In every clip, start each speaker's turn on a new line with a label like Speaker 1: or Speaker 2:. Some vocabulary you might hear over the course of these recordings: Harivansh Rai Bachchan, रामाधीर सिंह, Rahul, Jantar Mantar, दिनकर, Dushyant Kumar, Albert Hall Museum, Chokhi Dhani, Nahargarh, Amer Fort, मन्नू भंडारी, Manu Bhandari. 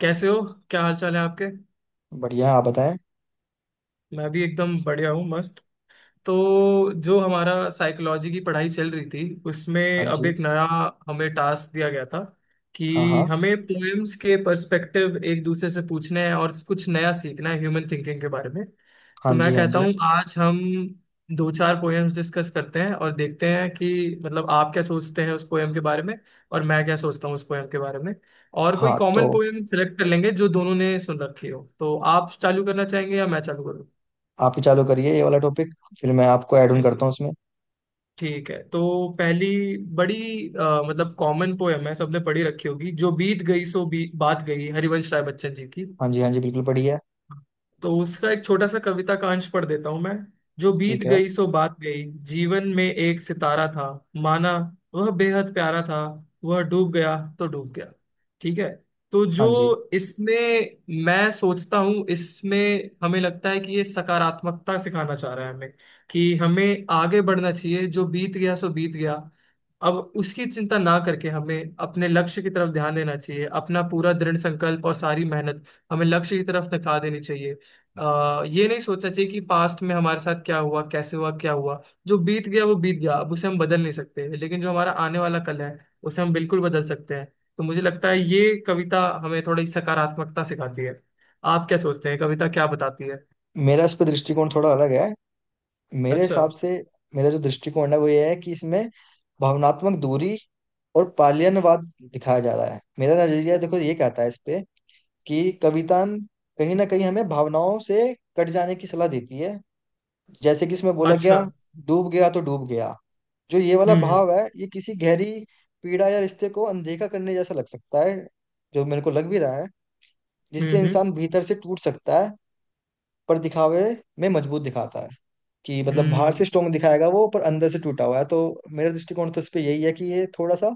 Speaker 1: कैसे हो। क्या हाल चाल है आपके।
Speaker 2: बढ़िया, आप बताएं।
Speaker 1: मैं भी एकदम बढ़िया हूँ, मस्त। तो जो हमारा साइकोलॉजी की पढ़ाई चल रही थी, उसमें
Speaker 2: हाँ
Speaker 1: अब
Speaker 2: जी।
Speaker 1: एक नया हमें टास्क दिया गया था
Speaker 2: हाँ
Speaker 1: कि
Speaker 2: हाँ।
Speaker 1: हमें पोएम्स के पर्सपेक्टिव एक दूसरे से पूछने हैं और कुछ नया सीखना है ह्यूमन थिंकिंग के बारे में।
Speaker 2: हाँ
Speaker 1: तो मैं
Speaker 2: जी हाँ
Speaker 1: कहता
Speaker 2: जी।
Speaker 1: हूँ आज हम दो चार पोएम्स डिस्कस करते हैं और देखते हैं कि मतलब आप क्या सोचते हैं उस पोएम के बारे में और मैं क्या सोचता हूँ उस पोएम के बारे में। और कोई
Speaker 2: हाँ, तो
Speaker 1: कॉमन पोएम सेलेक्ट कर लेंगे जो दोनों ने सुन रखी हो। तो आप चालू करना चाहेंगे या मैं चालू
Speaker 2: आप ही चालू करिए ये वाला टॉपिक। फिर मैं आपको ऐड ऑन
Speaker 1: करूँ।
Speaker 2: करता हूँ उसमें।
Speaker 1: ठीक है, तो पहली बड़ी मतलब कॉमन पोयम है सबने पढ़ी रखी होगी, जो बीत गई सो बात गई, हरिवंश राय बच्चन जी की।
Speaker 2: हाँ जी हाँ जी, बिल्कुल, बढ़िया।
Speaker 1: तो उसका एक छोटा सा कविता का अंश पढ़ देता हूं मैं। जो बीत
Speaker 2: ठीक है।
Speaker 1: गई सो बात गई। जीवन में एक सितारा था, माना वह बेहद प्यारा था, वह डूब गया तो डूब गया। ठीक है। तो
Speaker 2: हाँ
Speaker 1: जो
Speaker 2: जी।
Speaker 1: इसमें, मैं सोचता हूँ इसमें हमें लगता है कि ये सकारात्मकता सिखाना चाह रहा है हमें कि हमें आगे बढ़ना चाहिए। जो बीत गया सो बीत गया, अब उसकी चिंता ना करके हमें अपने लक्ष्य की तरफ ध्यान देना चाहिए। अपना पूरा दृढ़ संकल्प और सारी मेहनत हमें लक्ष्य की तरफ नका देनी चाहिए। ये नहीं सोचना चाहिए कि पास्ट में हमारे साथ क्या हुआ, कैसे हुआ, क्या हुआ। जो बीत गया वो बीत गया, अब उसे हम बदल नहीं सकते, लेकिन जो हमारा आने वाला कल है उसे हम बिल्कुल बदल सकते हैं। तो मुझे लगता है ये कविता हमें थोड़ी सकारात्मकता सिखाती है। आप क्या सोचते हैं, कविता क्या बताती है।
Speaker 2: मेरा इस पर दृष्टिकोण थोड़ा अलग है। मेरे
Speaker 1: अच्छा।
Speaker 2: हिसाब से मेरा जो दृष्टिकोण है वो ये है कि इसमें भावनात्मक दूरी और पालियनवाद दिखाया जा रहा है। मेरा नजरिया देखो ये कहता है इस पे कि कविता कहीं ना कहीं हमें भावनाओं से कट जाने की सलाह देती है। जैसे कि इसमें बोला गया,
Speaker 1: अच्छा।
Speaker 2: डूब गया तो डूब गया। जो ये वाला
Speaker 1: हम्म
Speaker 2: भाव है ये किसी गहरी पीड़ा या रिश्ते को अनदेखा करने जैसा लग सकता है, जो मेरे को लग भी रहा है,
Speaker 1: हम्म
Speaker 2: जिससे
Speaker 1: हम्म
Speaker 2: इंसान भीतर से टूट सकता है पर दिखावे में मजबूत दिखाता है। कि मतलब बाहर
Speaker 1: हम्म
Speaker 2: से स्ट्रोंग दिखाएगा वो पर अंदर से टूटा हुआ है। तो मेरा दृष्टिकोण तो इस पे यही है कि ये थोड़ा सा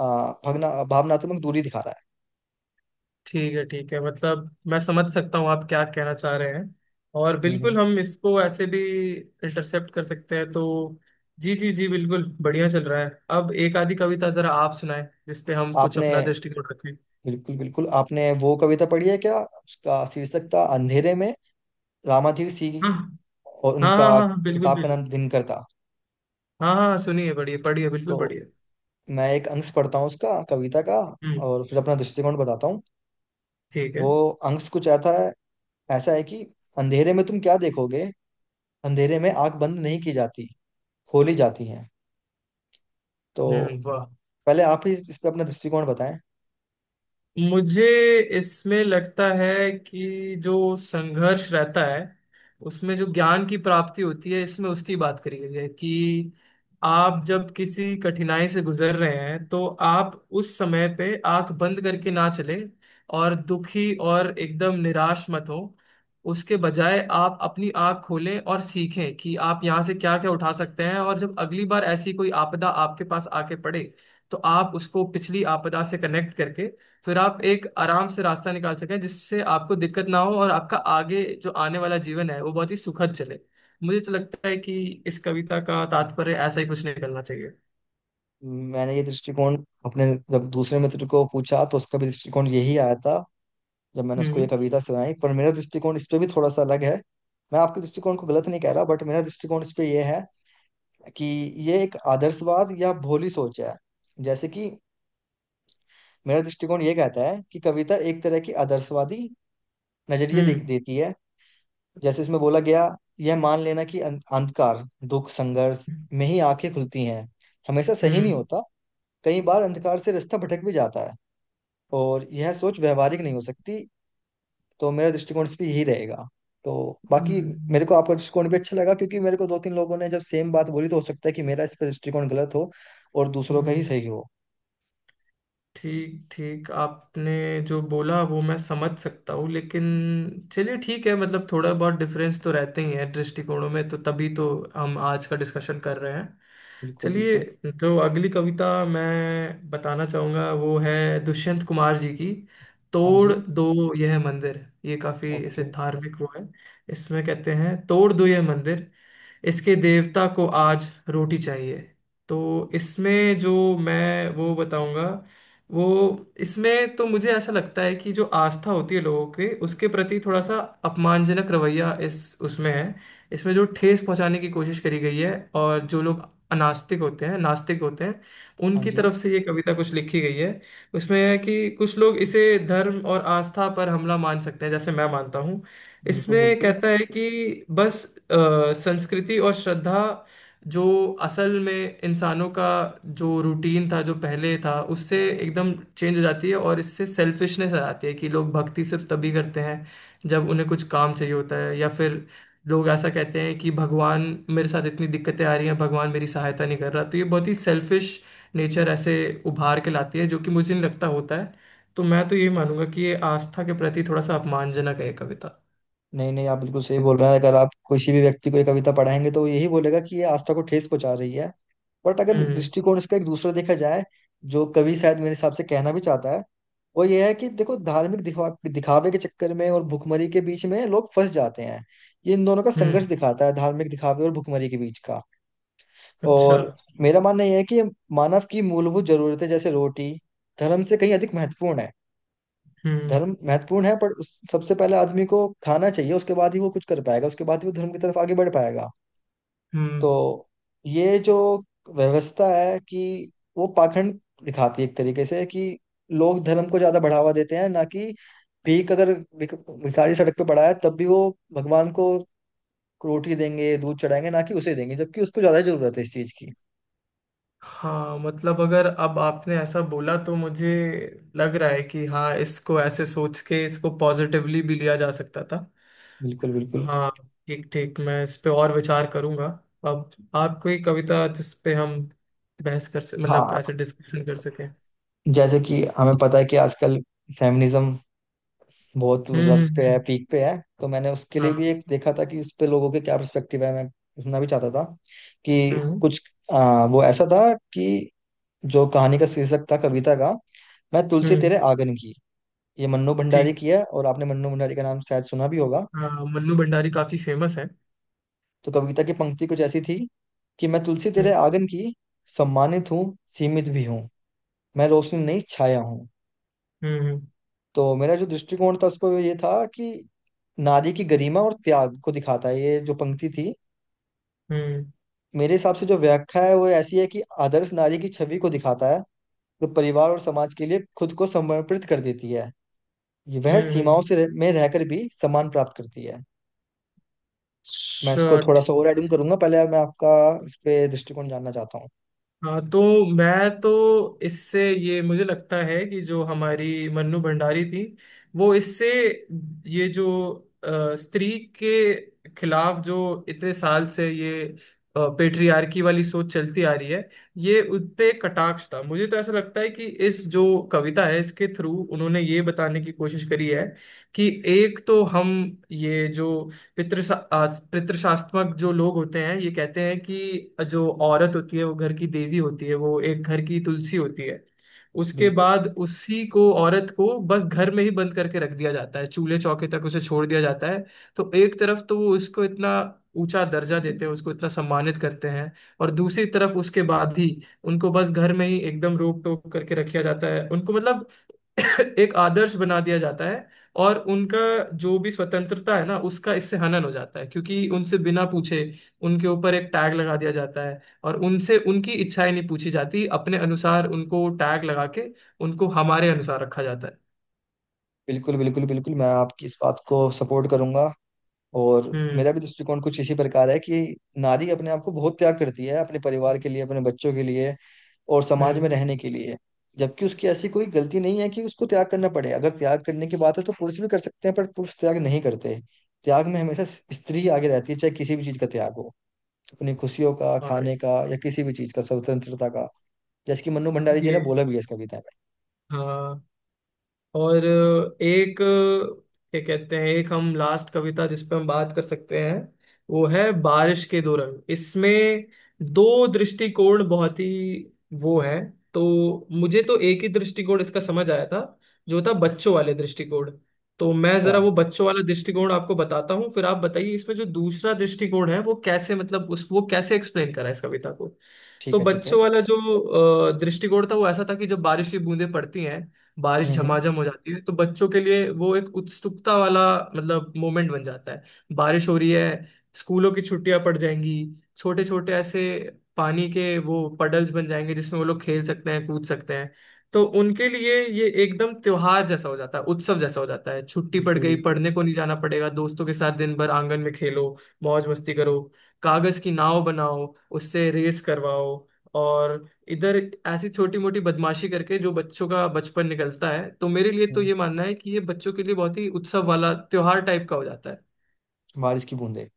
Speaker 2: भगना भावनात्मक दूरी दिखा रहा
Speaker 1: ठीक है, ठीक है, मतलब मैं समझ सकता हूँ आप क्या कहना चाह रहे हैं। और
Speaker 2: है।
Speaker 1: बिल्कुल हम इसको ऐसे भी इंटरसेप्ट कर सकते हैं। तो जी जी जी, बिल्कुल बढ़िया चल रहा है। अब एक आधी कविता जरा आप सुनाएं, जिसपे हम कुछ
Speaker 2: आपने,
Speaker 1: अपना दृष्टिकोण रखें।
Speaker 2: बिल्कुल बिल्कुल, आपने वो कविता पढ़ी है क्या? उसका शीर्षक था अंधेरे में, रामाधीर सिंह,
Speaker 1: हाँ हाँ
Speaker 2: और
Speaker 1: हाँ
Speaker 2: उनका
Speaker 1: हाँ हाँ, बिल्कुल
Speaker 2: किताब का नाम
Speaker 1: बिल्कुल।
Speaker 2: दिनकर था।
Speaker 1: हाँ हाँ, सुनिए, पढ़िए पढ़िए, बिल्कुल
Speaker 2: तो
Speaker 1: पढ़िए।
Speaker 2: मैं एक अंश पढ़ता हूँ उसका, कविता का,
Speaker 1: हम्म।
Speaker 2: और फिर अपना दृष्टिकोण बताता हूँ।
Speaker 1: ठीक है।
Speaker 2: वो अंश कुछ ऐसा है, ऐसा है कि अंधेरे में तुम क्या देखोगे, अंधेरे में आंख बंद नहीं की जाती, खोली जाती है। तो
Speaker 1: हम्म, वाह।
Speaker 2: पहले आप ही इस पे अपना दृष्टिकोण बताएं।
Speaker 1: मुझे इसमें लगता है कि जो संघर्ष रहता है उसमें जो ज्ञान की प्राप्ति होती है, इसमें उसकी बात करी गई है कि आप जब किसी कठिनाई से गुजर रहे हैं तो आप उस समय पे आंख बंद करके ना चले और दुखी और एकदम निराश मत हो। उसके बजाय आप अपनी आंख खोलें और सीखें कि आप यहाँ से क्या क्या उठा सकते हैं, और जब अगली बार ऐसी कोई आपदा आपके पास आके पड़े तो आप उसको पिछली आपदा से कनेक्ट करके फिर आप एक आराम से रास्ता निकाल सकें, जिससे आपको दिक्कत ना हो और आपका आगे जो आने वाला जीवन है वो बहुत ही सुखद चले। मुझे तो लगता है कि इस कविता का तात्पर्य ऐसा ही कुछ निकलना चाहिए।
Speaker 2: मैंने ये दृष्टिकोण अपने जब दूसरे मित्र को पूछा तो उसका भी दृष्टिकोण यही आया था जब मैंने उसको ये
Speaker 1: हम्म
Speaker 2: कविता सुनाई, पर मेरा दृष्टिकोण इस पे भी थोड़ा सा अलग है। मैं आपके दृष्टिकोण को गलत नहीं कह रहा, बट मेरा दृष्टिकोण इस पे ये है कि ये एक आदर्शवाद या भोली सोच है। जैसे कि मेरा दृष्टिकोण ये कहता है कि कविता एक तरह की आदर्शवादी नजरिए दे,
Speaker 1: हम्म
Speaker 2: देती है। जैसे इसमें बोला गया, यह मान लेना कि अंधकार, दुख, संघर्ष
Speaker 1: हम्म
Speaker 2: में ही आंखें खुलती हैं, हमेशा सही नहीं
Speaker 1: हम्म
Speaker 2: होता। कई बार अंधकार से रास्ता भटक भी जाता है और यह सोच व्यवहारिक नहीं हो सकती। तो मेरा दृष्टिकोण इस पे यही रहेगा। तो बाकी
Speaker 1: हम्म,
Speaker 2: मेरे को आपका दृष्टिकोण भी अच्छा लगा क्योंकि मेरे को दो तीन लोगों ने जब सेम बात बोली तो हो सकता है कि मेरा इस पर दृष्टिकोण गलत हो और दूसरों का ही
Speaker 1: हम्म।
Speaker 2: सही हो।
Speaker 1: ठीक ठीक, आपने जो बोला वो मैं समझ सकता हूँ, लेकिन चलिए ठीक है, मतलब थोड़ा बहुत डिफरेंस तो रहते ही है दृष्टिकोणों में, तो तभी तो हम आज का डिस्कशन कर रहे हैं।
Speaker 2: बिल्कुल
Speaker 1: चलिए,
Speaker 2: बिल्कुल।
Speaker 1: जो अगली कविता मैं बताना चाहूँगा वो है दुष्यंत कुमार जी की।
Speaker 2: हाँ
Speaker 1: तोड़
Speaker 2: जी।
Speaker 1: दो यह मंदिर, ये काफी इसे
Speaker 2: ओके।
Speaker 1: धार्मिक वो है। इसमें कहते हैं तोड़ दो यह मंदिर, इसके देवता को आज रोटी चाहिए। तो इसमें जो मैं वो बताऊंगा वो, इसमें तो मुझे ऐसा लगता है कि जो आस्था होती है लोगों के उसके प्रति थोड़ा सा अपमानजनक रवैया इस उसमें है। इसमें जो ठेस पहुंचाने की कोशिश करी गई है, और जो लोग अनास्तिक होते हैं, नास्तिक होते हैं,
Speaker 2: हाँ
Speaker 1: उनकी
Speaker 2: जी,
Speaker 1: तरफ से ये कविता कुछ लिखी गई है। उसमें है कि कुछ लोग इसे धर्म और आस्था पर हमला मान सकते हैं, जैसे मैं मानता हूँ।
Speaker 2: बिल्कुल
Speaker 1: इसमें
Speaker 2: बिल्कुल।
Speaker 1: कहता है कि बस अ, संस्कृति और श्रद्धा जो असल में इंसानों का जो रूटीन था, जो पहले था, उससे एकदम चेंज हो जाती है और इससे सेल्फिशनेस आ जाती है कि लोग भक्ति सिर्फ तभी करते हैं जब उन्हें कुछ काम चाहिए होता है, या फिर लोग ऐसा कहते हैं कि भगवान मेरे साथ इतनी दिक्कतें आ रही हैं, भगवान मेरी सहायता नहीं कर रहा। तो ये बहुत ही सेल्फिश नेचर ऐसे उभार के लाती है, जो कि मुझे नहीं लगता होता है। तो मैं तो ये मानूंगा कि ये आस्था के प्रति थोड़ा सा अपमानजनक है ये कविता।
Speaker 2: नहीं नहीं, आप बिल्कुल सही बोल रहे हैं। अगर आप किसी भी व्यक्ति को ये कविता पढ़ाएंगे तो वो यही बोलेगा कि ये आस्था को ठेस पहुंचा रही है। बट अगर
Speaker 1: हम्म
Speaker 2: दृष्टिकोण इसका एक दूसरा देखा जाए, जो कवि शायद मेरे हिसाब से कहना भी चाहता है, वो ये है कि देखो, धार्मिक दिखा दिखावे के चक्कर में और भुखमरी के बीच में लोग फंस जाते हैं। ये इन दोनों का संघर्ष
Speaker 1: हम्म।
Speaker 2: दिखाता है, धार्मिक दिखावे और भुखमरी के बीच का।
Speaker 1: अच्छा।
Speaker 2: और मेरा मानना यह है कि मानव की मूलभूत जरूरतें जैसे रोटी धर्म से कहीं अधिक महत्वपूर्ण है।
Speaker 1: हम्म
Speaker 2: धर्म महत्वपूर्ण है, पर उस सबसे पहले आदमी को खाना चाहिए, उसके बाद ही वो कुछ कर पाएगा, उसके बाद ही वो धर्म की तरफ आगे बढ़ पाएगा।
Speaker 1: हम्म
Speaker 2: तो ये जो व्यवस्था है, कि वो पाखंड दिखाती है एक तरीके से, कि लोग धर्म को ज्यादा बढ़ावा देते हैं ना कि भीख। अगर भिख- भिखारी सड़क पे पड़ा है तब भी वो भगवान को रोटी देंगे, दूध चढ़ाएंगे, ना कि उसे देंगे, जबकि उसको ज्यादा जरूरत है इस चीज की।
Speaker 1: हाँ मतलब, अगर अब आपने ऐसा बोला तो मुझे लग रहा है कि हाँ, इसको ऐसे सोच के इसको पॉजिटिवली भी लिया जा सकता था।
Speaker 2: बिल्कुल बिल्कुल।
Speaker 1: हाँ, ठीक ठीक, मैं इस पे और विचार करूंगा। अब आप कोई कविता जिस पे हम बहस कर सक, मतलब
Speaker 2: हाँ,
Speaker 1: ऐसे डिस्कशन कर सकें।
Speaker 2: जैसे कि हमें पता है कि आजकल फेमिनिज्म बहुत
Speaker 1: हम्म
Speaker 2: रस
Speaker 1: हम्म
Speaker 2: पे है,
Speaker 1: हम्म,
Speaker 2: पीक पे है, तो मैंने उसके लिए
Speaker 1: हाँ।
Speaker 2: भी एक देखा था कि इस पे लोगों के क्या पर्सपेक्टिव है, मैं सुनना भी चाहता था कि
Speaker 1: हम्म
Speaker 2: कुछ। वो ऐसा था कि जो कहानी का शीर्षक था, कविता का, मैं तुलसी
Speaker 1: हम्म
Speaker 2: तेरे आंगन की। ये मन्नू भंडारी
Speaker 1: ठीक।
Speaker 2: की है और आपने मन्नू भंडारी का नाम शायद सुना भी होगा।
Speaker 1: हाँ, मन्नू भंडारी काफी फेमस है।
Speaker 2: तो कविता की पंक्ति कुछ ऐसी थी कि मैं तुलसी तेरे
Speaker 1: हम्म
Speaker 2: आंगन की, सम्मानित हूँ, सीमित भी हूँ, मैं रोशनी नहीं छाया हूँ।
Speaker 1: हम्म हम्म
Speaker 2: तो मेरा जो दृष्टिकोण था उस पर ये था कि नारी की गरिमा और त्याग को दिखाता है ये जो पंक्ति थी।
Speaker 1: हम्म
Speaker 2: मेरे हिसाब से जो व्याख्या है वो ऐसी है कि आदर्श नारी की छवि को दिखाता है, जो परिवार और समाज के लिए खुद को समर्पित कर देती है। ये वह
Speaker 1: हम्म,
Speaker 2: सीमाओं
Speaker 1: हम्म,
Speaker 2: से में रहकर भी सम्मान प्राप्त करती है। मैं इसको
Speaker 1: अच्छा,
Speaker 2: थोड़ा सा और
Speaker 1: ठीक।
Speaker 2: एडिंग करूंगा, पहले मैं आपका इस पे दृष्टिकोण जानना चाहता हूँ।
Speaker 1: हाँ तो मैं तो इससे, ये मुझे लगता है कि जो हमारी मन्नू भंडारी थी वो इससे ये जो अ, स्त्री के खिलाफ जो इतने साल से ये पेट्रियार्की वाली सोच चलती आ रही है, ये उन पे एक कटाक्ष था। मुझे तो ऐसा लगता है कि इस जो कविता है, इसके थ्रू उन्होंने ये बताने की कोशिश करी है कि एक तो हम ये जो पितृशा आ, पितृशास्त्मक जो लोग होते हैं, ये कहते हैं कि जो औरत होती है वो घर की देवी होती है, वो एक घर की तुलसी होती है। उसके
Speaker 2: बिल्कुल
Speaker 1: बाद उसी को, औरत को बस घर में ही बंद करके रख दिया जाता है, चूल्हे चौके तक उसे छोड़ दिया जाता है। तो एक तरफ तो वो उसको इतना ऊंचा दर्जा देते हैं, उसको इतना सम्मानित करते हैं, और दूसरी तरफ उसके बाद ही उनको बस घर में ही एकदम रोक टोक करके रखा जाता है। उनको मतलब एक आदर्श बना दिया जाता है और उनका जो भी स्वतंत्रता है ना उसका इससे हनन हो जाता है, क्योंकि उनसे बिना पूछे उनके ऊपर एक टैग लगा दिया जाता है और उनसे उनकी इच्छाएं नहीं पूछी जाती, अपने अनुसार उनको टैग लगा के उनको हमारे अनुसार रखा जाता है।
Speaker 2: बिल्कुल बिल्कुल बिल्कुल मैं आपकी इस बात को सपोर्ट करूंगा। और
Speaker 1: हम्म।
Speaker 2: मेरा भी दृष्टिकोण कुछ इसी प्रकार है कि नारी अपने आप को बहुत त्याग करती है अपने परिवार के लिए, अपने बच्चों के लिए, और समाज में
Speaker 1: हम्म
Speaker 2: रहने के लिए, जबकि उसकी ऐसी कोई गलती नहीं है कि उसको त्याग करना पड़े। अगर त्याग करने की बात है तो पुरुष भी कर सकते हैं पर पुरुष त्याग नहीं करते। त्याग में हमेशा स्त्री आगे रहती है, चाहे किसी भी चीज का त्याग हो, अपनी खुशियों का,
Speaker 1: और
Speaker 2: खाने का, या किसी भी चीज का, स्वतंत्रता का, जैसे कि मन्नू भंडारी जी
Speaker 1: ये,
Speaker 2: ने बोला भी है इस कविता में।
Speaker 1: हाँ। और एक क्या कहते हैं, एक हम लास्ट कविता जिस पे हम बात कर सकते हैं वो है बारिश के दो रंग। इसमें दो दृष्टिकोण बहुत ही वो है। तो मुझे तो एक ही दृष्टिकोण इसका समझ आया था, जो था बच्चों वाले दृष्टिकोण। तो मैं
Speaker 2: अच्छा।
Speaker 1: जरा वो बच्चों वाला दृष्टिकोण आपको बताता हूँ, फिर आप बताइए इसमें जो दूसरा दृष्टिकोण है वो कैसे, मतलब उस वो कैसे एक्सप्लेन करा है इस कविता को।
Speaker 2: ठीक
Speaker 1: तो
Speaker 2: है ठीक है।
Speaker 1: बच्चों वाला जो दृष्टिकोण था वो ऐसा था कि जब बारिश की बूंदें पड़ती हैं, बारिश
Speaker 2: हम्म।
Speaker 1: झमाझम हो जाती है, तो बच्चों के लिए वो एक उत्सुकता वाला मतलब मोमेंट बन जाता है। बारिश हो रही है, स्कूलों की छुट्टियां पड़ जाएंगी, छोटे छोटे ऐसे पानी के वो पडल्स बन जाएंगे जिसमें वो लोग खेल सकते हैं, कूद सकते हैं। तो उनके लिए ये एकदम त्योहार जैसा हो जाता है, उत्सव जैसा हो जाता है। छुट्टी पड़
Speaker 2: बिल्कुल
Speaker 1: गई,
Speaker 2: बिल्कुल।
Speaker 1: पढ़ने को नहीं जाना पड़ेगा, दोस्तों के साथ दिन भर आंगन में खेलो, मौज मस्ती करो, कागज की नाव बनाओ, उससे रेस करवाओ, और इधर ऐसी छोटी मोटी बदमाशी करके जो बच्चों का बचपन निकलता है। तो मेरे लिए तो
Speaker 2: हम्म।
Speaker 1: ये मानना है कि ये बच्चों के लिए बहुत ही उत्सव वाला त्योहार टाइप का हो जाता है।
Speaker 2: बारिश की बूंदें।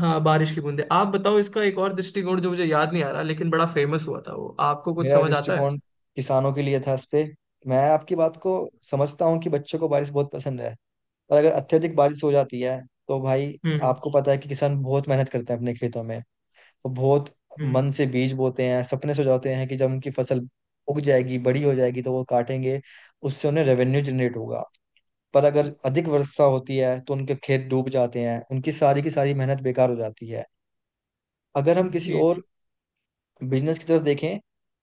Speaker 1: हाँ बारिश की बूंदें, आप बताओ इसका एक और दृष्टिकोण जो मुझे याद नहीं आ रहा लेकिन बड़ा फेमस हुआ था, वो आपको कुछ
Speaker 2: मेरा
Speaker 1: समझ आता है।
Speaker 2: दृष्टिकोण किसानों के लिए था इस पे। मैं आपकी बात को समझता हूँ कि बच्चों को बारिश बहुत पसंद है, पर अगर अत्यधिक बारिश हो जाती है तो भाई,
Speaker 1: हम्म
Speaker 2: आपको पता है कि किसान बहुत मेहनत करते हैं अपने खेतों में। वो बहुत
Speaker 1: हम्म
Speaker 2: मन से बीज बोते हैं, सपने सजाते हैं कि जब उनकी फसल उग जाएगी, बड़ी हो जाएगी तो वो काटेंगे, उससे उन्हें रेवेन्यू जनरेट होगा। पर अगर अधिक वर्षा होती है तो उनके खेत डूब जाते हैं, उनकी सारी की सारी मेहनत बेकार हो जाती है। अगर हम किसी
Speaker 1: जी जी।
Speaker 2: और बिजनेस की तरफ देखें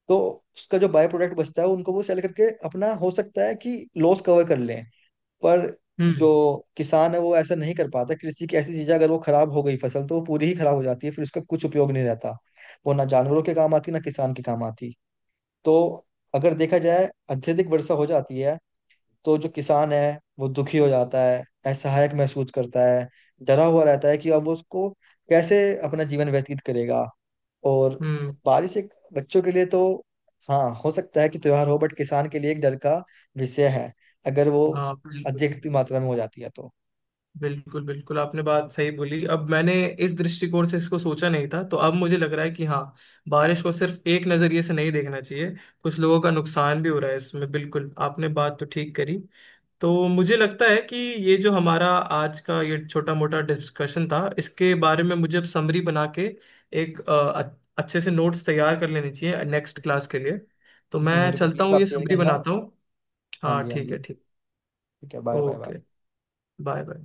Speaker 2: तो उसका जो बाय प्रोडक्ट बचता है, उनको वो सेल करके अपना हो सकता है कि लॉस कवर कर लें, पर जो
Speaker 1: हम्म
Speaker 2: किसान है वो ऐसा नहीं कर पाता। कृषि की ऐसी चीजें, अगर वो खराब हो गई फसल तो वो पूरी ही खराब हो जाती है, फिर उसका कुछ उपयोग नहीं रहता, वो ना जानवरों के काम आती ना किसान के काम आती। तो अगर देखा जाए अत्यधिक वर्षा हो जाती है तो जो किसान है वो दुखी हो जाता है, असहायक महसूस करता है, डरा हुआ रहता है कि अब वो उसको कैसे अपना जीवन व्यतीत करेगा। और
Speaker 1: हम्म
Speaker 2: बारिश एक बच्चों के लिए तो हाँ हो सकता है कि त्योहार हो, बट किसान के लिए एक डर का विषय है, अगर वो
Speaker 1: हाँ बिल्कुल।
Speaker 2: अधिक मात्रा में हो जाती है तो।
Speaker 1: बिल्कुल बिल्कुल, आपने बात सही बोली। अब मैंने इस दृष्टिकोण से इसको सोचा नहीं था, तो अब मुझे लग रहा है कि हाँ, बारिश को सिर्फ एक नजरिए से नहीं देखना चाहिए, कुछ लोगों का नुकसान भी हो रहा है इसमें। बिल्कुल आपने बात तो ठीक करी। तो मुझे लगता है कि ये जो हमारा आज का ये छोटा मोटा डिस्कशन था, इसके बारे में मुझे अब समरी बना के एक अच्छे से नोट्स तैयार कर लेने चाहिए नेक्स्ट क्लास के लिए। तो
Speaker 2: बिल्कुल,
Speaker 1: मैं
Speaker 2: मेरे को
Speaker 1: चलता
Speaker 2: प्लीज
Speaker 1: हूँ,
Speaker 2: आप
Speaker 1: ये
Speaker 2: शेयर
Speaker 1: समरी
Speaker 2: करना।
Speaker 1: बनाता हूँ।
Speaker 2: हाँ
Speaker 1: हाँ
Speaker 2: जी हाँ
Speaker 1: ठीक है,
Speaker 2: जी,
Speaker 1: ठीक।
Speaker 2: ठीक है, bye bye bye.
Speaker 1: Okay, bye bye.